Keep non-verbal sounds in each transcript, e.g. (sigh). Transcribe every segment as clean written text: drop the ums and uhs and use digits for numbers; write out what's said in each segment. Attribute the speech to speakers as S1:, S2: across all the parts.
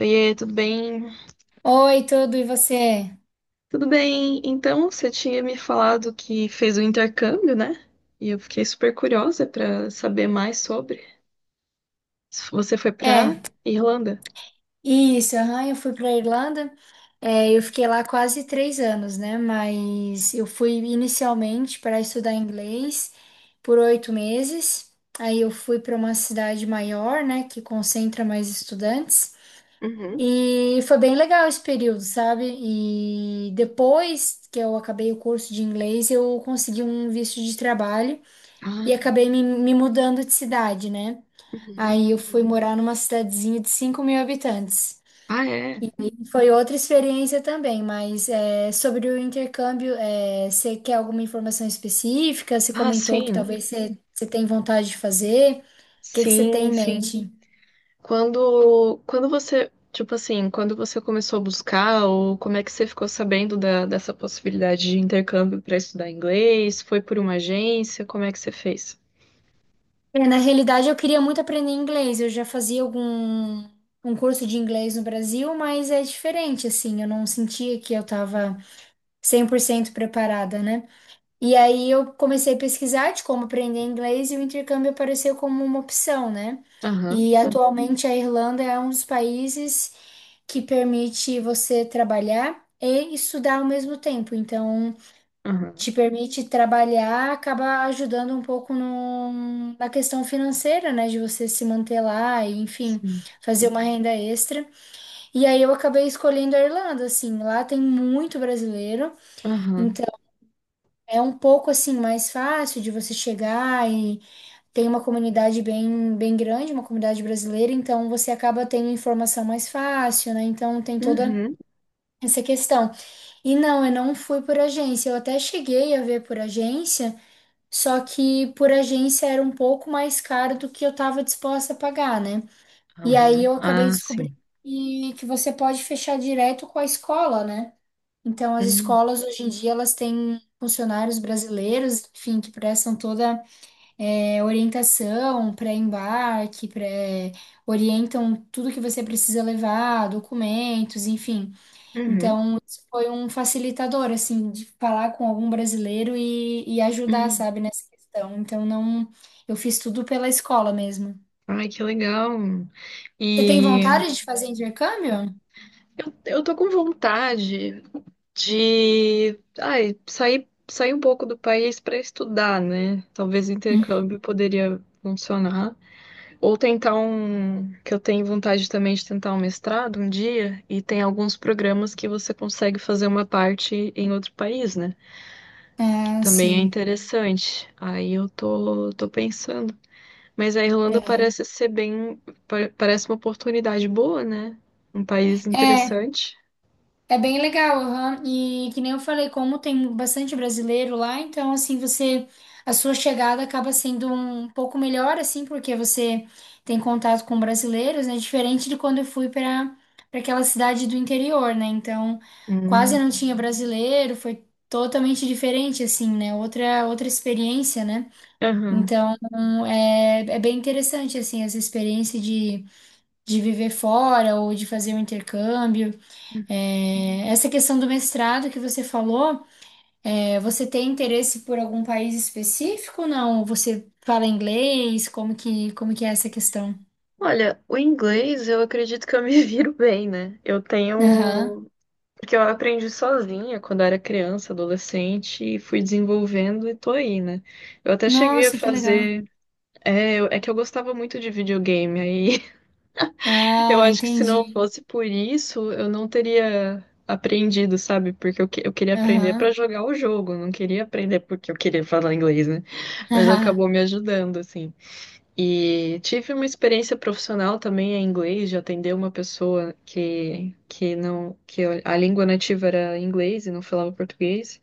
S1: Oiê, tudo bem?
S2: Oi, tudo, e você?
S1: Tudo bem. Então, você tinha me falado que fez o intercâmbio, né? E eu fiquei super curiosa para saber mais sobre. Você foi
S2: É,
S1: para Irlanda?
S2: isso, aham, eu fui para Irlanda, é, eu fiquei lá quase 3 anos, né? Mas eu fui inicialmente para estudar inglês por 8 meses, aí eu fui para uma cidade maior, né, que concentra mais estudantes,
S1: Uhum.
S2: e foi bem legal esse período, sabe? E depois que eu acabei o curso de inglês, eu consegui um visto de trabalho
S1: Ah,
S2: e acabei me mudando de cidade, né?
S1: uhum.
S2: Aí eu fui morar numa cidadezinha de 5.000 habitantes.
S1: Ah, é.
S2: Foi outra experiência também, mas é, sobre o intercâmbio, é, você quer alguma informação específica? Você
S1: Ah,
S2: comentou que
S1: sim.
S2: talvez você tem vontade de fazer. O que que você tem
S1: Sim,
S2: em
S1: sim.
S2: mente?
S1: Quando você, tipo assim, quando você começou a buscar, ou como é que você ficou sabendo dessa possibilidade de intercâmbio para estudar inglês? Foi por uma agência? Como é que você fez?
S2: É, na realidade, eu queria muito aprender inglês. Eu já fazia algum um curso de inglês no Brasil, mas é diferente, assim. Eu não sentia que eu estava 100% preparada, né? E aí eu comecei a pesquisar de como aprender inglês e o intercâmbio apareceu como uma opção, né?
S1: Aham,
S2: E, uhum, atualmente a Irlanda é um dos países que permite você trabalhar e estudar ao mesmo tempo. Então,
S1: aham.
S2: te permite trabalhar, acaba ajudando um pouco no- na questão financeira, né? De você se manter lá e, enfim,
S1: Sim.
S2: fazer uma renda extra. E aí eu acabei escolhendo a Irlanda, assim, lá tem muito brasileiro.
S1: Aham,
S2: É um pouco assim mais fácil de você chegar e tem uma comunidade bem, bem grande, uma comunidade brasileira, então você acaba tendo informação mais fácil, né? Então tem toda
S1: uhum,
S2: essa questão. E não, eu não fui por agência, eu até cheguei a ver por agência, só que por agência era um pouco mais caro do que eu estava disposta a pagar, né? E aí
S1: aham.
S2: eu acabei
S1: Ah,
S2: descobrindo
S1: sim.
S2: que você pode fechar direto com a escola, né? Então, as
S1: Hum,
S2: escolas hoje em dia elas têm funcionários brasileiros, enfim, que prestam toda orientação, pré-embarque, orientam tudo que você precisa levar, documentos, enfim.
S1: uhum,
S2: Então, isso foi um facilitador, assim, de falar com algum brasileiro e ajudar,
S1: hum.
S2: sabe, nessa questão. Então, não, eu fiz tudo pela escola mesmo.
S1: Ai, que legal.
S2: Você tem
S1: E
S2: vontade de fazer intercâmbio?
S1: eu tô com vontade de, ai, sair um pouco do país para estudar, né? Talvez o
S2: Hum.
S1: intercâmbio poderia funcionar. Ou tentar um, que eu tenho vontade também de tentar um mestrado um dia, e tem alguns programas que você consegue fazer uma parte em outro país, né? Que
S2: Ah,
S1: também é
S2: sim.
S1: interessante. Aí eu tô pensando. Mas a Irlanda
S2: Aham.
S1: parece ser bem, parece uma oportunidade boa, né? Um país
S2: É,
S1: interessante.
S2: é bem legal, aham. E que nem eu falei, como tem bastante brasileiro lá, então assim, você a sua chegada acaba sendo um pouco melhor assim, porque você tem contato com brasileiros, né? Diferente de quando eu fui para aquela cidade do interior, né? Então, quase não
S1: Hum,
S2: tinha brasileiro, foi totalmente diferente assim, né? Outra experiência, né?
S1: aham.
S2: Então, é bem interessante assim essa experiência de viver fora ou de fazer um intercâmbio. É, essa questão do mestrado que você falou, é, você tem interesse por algum país específico ou não? Você fala inglês? Como que é essa questão?
S1: Olha, o inglês eu acredito que eu me (laughs) viro bem, né? Eu
S2: Aham.
S1: tenho. Porque eu aprendi sozinha quando eu era criança, adolescente, e fui desenvolvendo e tô aí, né? Eu até cheguei a
S2: Nossa, que legal.
S1: fazer. É, é que eu gostava muito de videogame, aí. Eu
S2: Ah,
S1: acho que se não
S2: entendi.
S1: fosse por isso, eu não teria aprendido, sabe? Porque eu queria aprender pra
S2: Aham.
S1: jogar o jogo, não queria aprender porque eu queria falar inglês, né? Mas
S2: (laughs)
S1: acabou me ajudando, assim. E tive uma experiência profissional também em inglês, de atender uma pessoa que não, que a língua nativa era inglês e não falava português.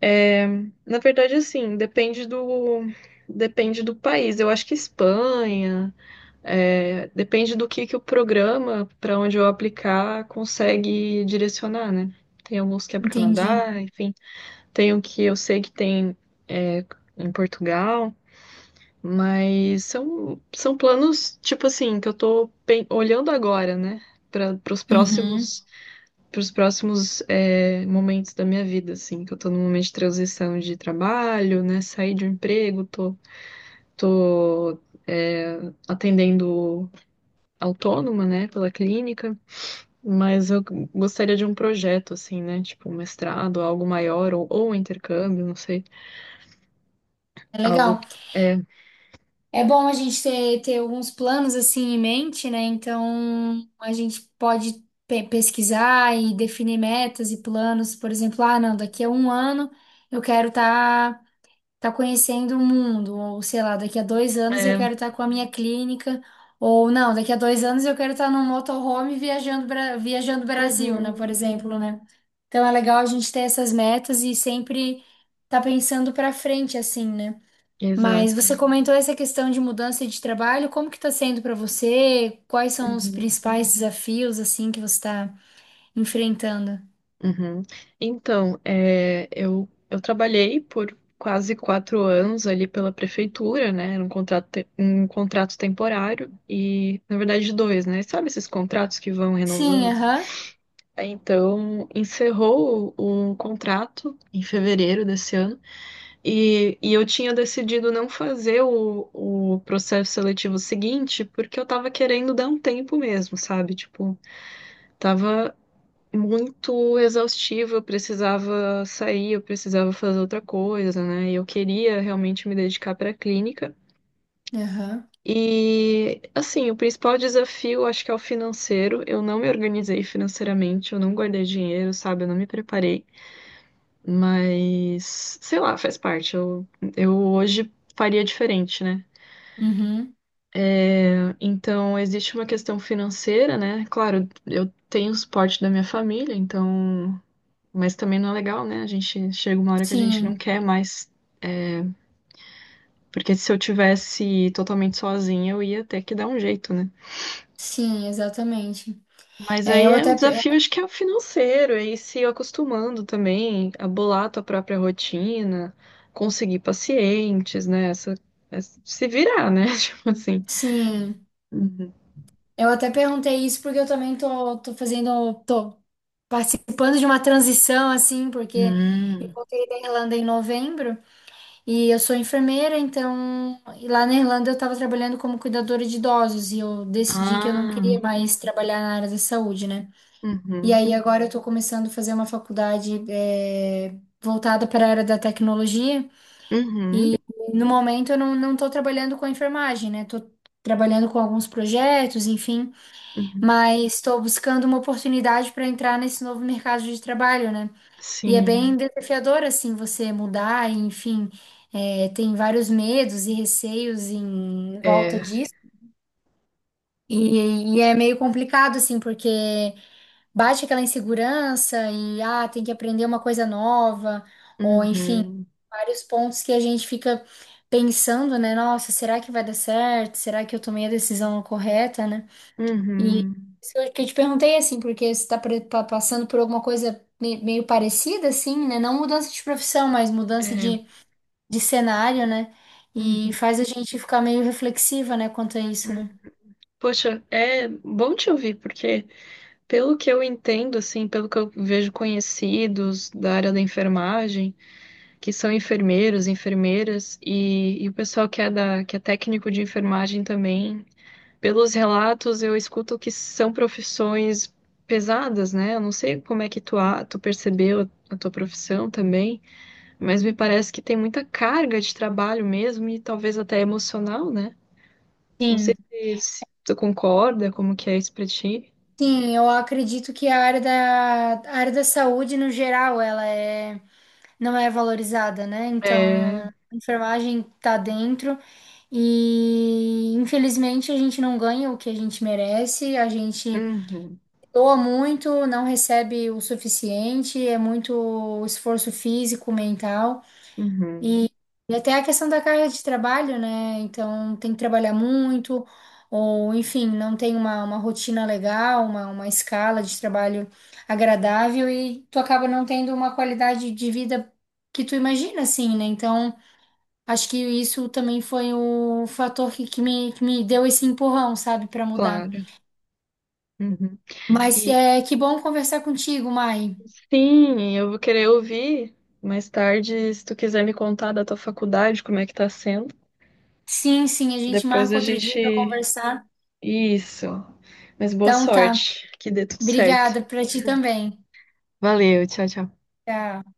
S1: É, na verdade, assim, depende do país. Eu acho que Espanha. É, depende do que o programa para onde eu aplicar consegue direcionar, né? Tem alguns que é para o
S2: Entendi.
S1: Canadá, enfim, tem o que eu sei que tem é, em Portugal, mas são planos, tipo assim, que eu tô olhando agora, né? Para os
S2: Uhum.
S1: próximos, pros próximos momentos da minha vida, assim, que eu tô num momento de transição de trabalho, né? Saí de um emprego, tô é, atendendo autônoma, né, pela clínica, mas eu gostaria de um projeto, assim, né, tipo um mestrado, algo maior, ou um intercâmbio, não sei,
S2: É legal.
S1: algo, é,
S2: É bom a gente ter alguns planos assim em mente, né? Então a gente pode pesquisar e definir metas e planos. Por exemplo, ah, não, daqui a um ano eu quero estar tá, tá conhecendo o mundo, ou sei lá, daqui a 2 anos eu
S1: é,
S2: quero estar com a minha clínica, ou não, daqui a 2 anos eu quero estar tá num motorhome viajando, viajando Brasil, né? Por
S1: uhum,
S2: exemplo, né? Então é legal a gente ter essas metas e sempre tá pensando pra frente, assim, né? Mas
S1: exato,
S2: você comentou essa questão de mudança de trabalho, como que está sendo para você? Quais são os
S1: uhum,
S2: principais desafios assim que você está enfrentando?
S1: uhum. Então, eu trabalhei por quase quatro anos ali pela prefeitura, né, era um contrato, um contrato temporário, e, na verdade, dois, né, sabe esses contratos que vão
S2: Sim,
S1: renovando.
S2: aham.
S1: Então, encerrou o contrato em fevereiro desse ano e, eu tinha decidido não fazer o processo seletivo seguinte porque eu tava querendo dar um tempo mesmo, sabe? Tipo, tava muito exaustivo, eu precisava sair, eu precisava fazer outra coisa, né? E eu queria realmente me dedicar para a clínica.
S2: Aham.
S1: E, assim, o principal desafio acho que é o financeiro. Eu não me organizei financeiramente, eu não guardei dinheiro, sabe? Eu não me preparei. Mas, sei lá, faz parte. Eu hoje faria diferente, né?
S2: Uhum.
S1: Então, existe uma questão financeira, né? Claro, eu tenho o suporte da minha família, então. Mas também não é legal, né? A gente chega uma hora que a gente não
S2: Sim,
S1: quer mais. Porque se eu tivesse totalmente sozinha, eu ia ter que dar um jeito, né?
S2: sim, exatamente.
S1: Mas
S2: É,
S1: aí é, o desafio acho que é o financeiro, é ir se acostumando também a bolar a tua própria rotina, conseguir pacientes, né? Essa, se virar, né? (laughs) Tipo assim.
S2: sim,
S1: Uhum.
S2: eu até perguntei isso porque eu também tô fazendo, tô participando de uma transição assim, porque eu
S1: Hum.
S2: voltei da Irlanda em novembro. E eu sou enfermeira, então e lá na Irlanda eu estava trabalhando como cuidadora de idosos e eu decidi que eu não
S1: Ah.
S2: queria mais trabalhar na área da saúde, né? E
S1: Uhum.
S2: aí agora eu estou começando a fazer uma faculdade voltada para a área da tecnologia e
S1: Uhum.
S2: no momento eu não estou trabalhando com a enfermagem, né? Estou trabalhando com alguns projetos, enfim,
S1: Uhum.
S2: mas estou buscando uma oportunidade para entrar nesse novo mercado de trabalho, né? E é
S1: Sim.
S2: bem desafiador, assim, você mudar, e, enfim, é, tem vários medos e receios em volta
S1: É.
S2: disso. E é meio complicado, assim, porque bate aquela insegurança e, ah, tem que aprender uma coisa nova, ou, enfim,
S1: Uhum.
S2: vários pontos que a gente fica pensando, né? Nossa, será que vai dar certo? Será que eu tomei a decisão correta, né? E
S1: Uhum.
S2: isso que eu te perguntei assim, porque você está passando por alguma coisa meio parecida, assim, né? Não mudança de profissão, mas mudança
S1: É.
S2: de cenário, né? E
S1: Uhum.
S2: faz a gente ficar meio reflexiva, né, quanto a isso, né?
S1: Poxa, é bom te ouvir, porque pelo que eu entendo, assim, pelo que eu vejo conhecidos da área da enfermagem, que são enfermeiros, enfermeiras e o pessoal que é da, que é técnico de enfermagem também. Pelos relatos, eu escuto que são profissões pesadas, né? Eu não sei como é que tu percebeu a tua profissão também, mas me parece que tem muita carga de trabalho mesmo e talvez até emocional, né? Não sei
S2: Sim.
S1: se tu concorda, como que é isso pra ti.
S2: Sim, eu acredito que a área da saúde, no geral, ela é, não é valorizada, né? Então,
S1: É.
S2: a enfermagem tá dentro e, infelizmente, a gente não ganha o que a gente merece, a gente
S1: Uhum,
S2: doa muito, não recebe o suficiente, é muito esforço físico, mental
S1: uhum,
S2: e, e até a questão da carga de trabalho, né? Então tem que trabalhar muito, ou enfim, não tem uma rotina legal, uma escala de trabalho agradável e tu acaba não tendo uma qualidade de vida que tu imagina, assim, né? Então acho que isso também foi o fator que me deu esse empurrão, sabe, para mudar.
S1: claro. Uhum.
S2: Mas
S1: E,
S2: é que bom conversar contigo, Mai.
S1: sim, eu vou querer ouvir mais tarde, se tu quiser me contar da tua faculdade, como é que tá sendo.
S2: Sim, sim, a gente
S1: Depois
S2: marca
S1: a
S2: outro
S1: gente.
S2: dia para conversar.
S1: Isso. Mas boa
S2: Então tá.
S1: sorte, que dê tudo certo.
S2: Obrigada para ti também.
S1: Valeu, tchau, tchau.
S2: Tchau.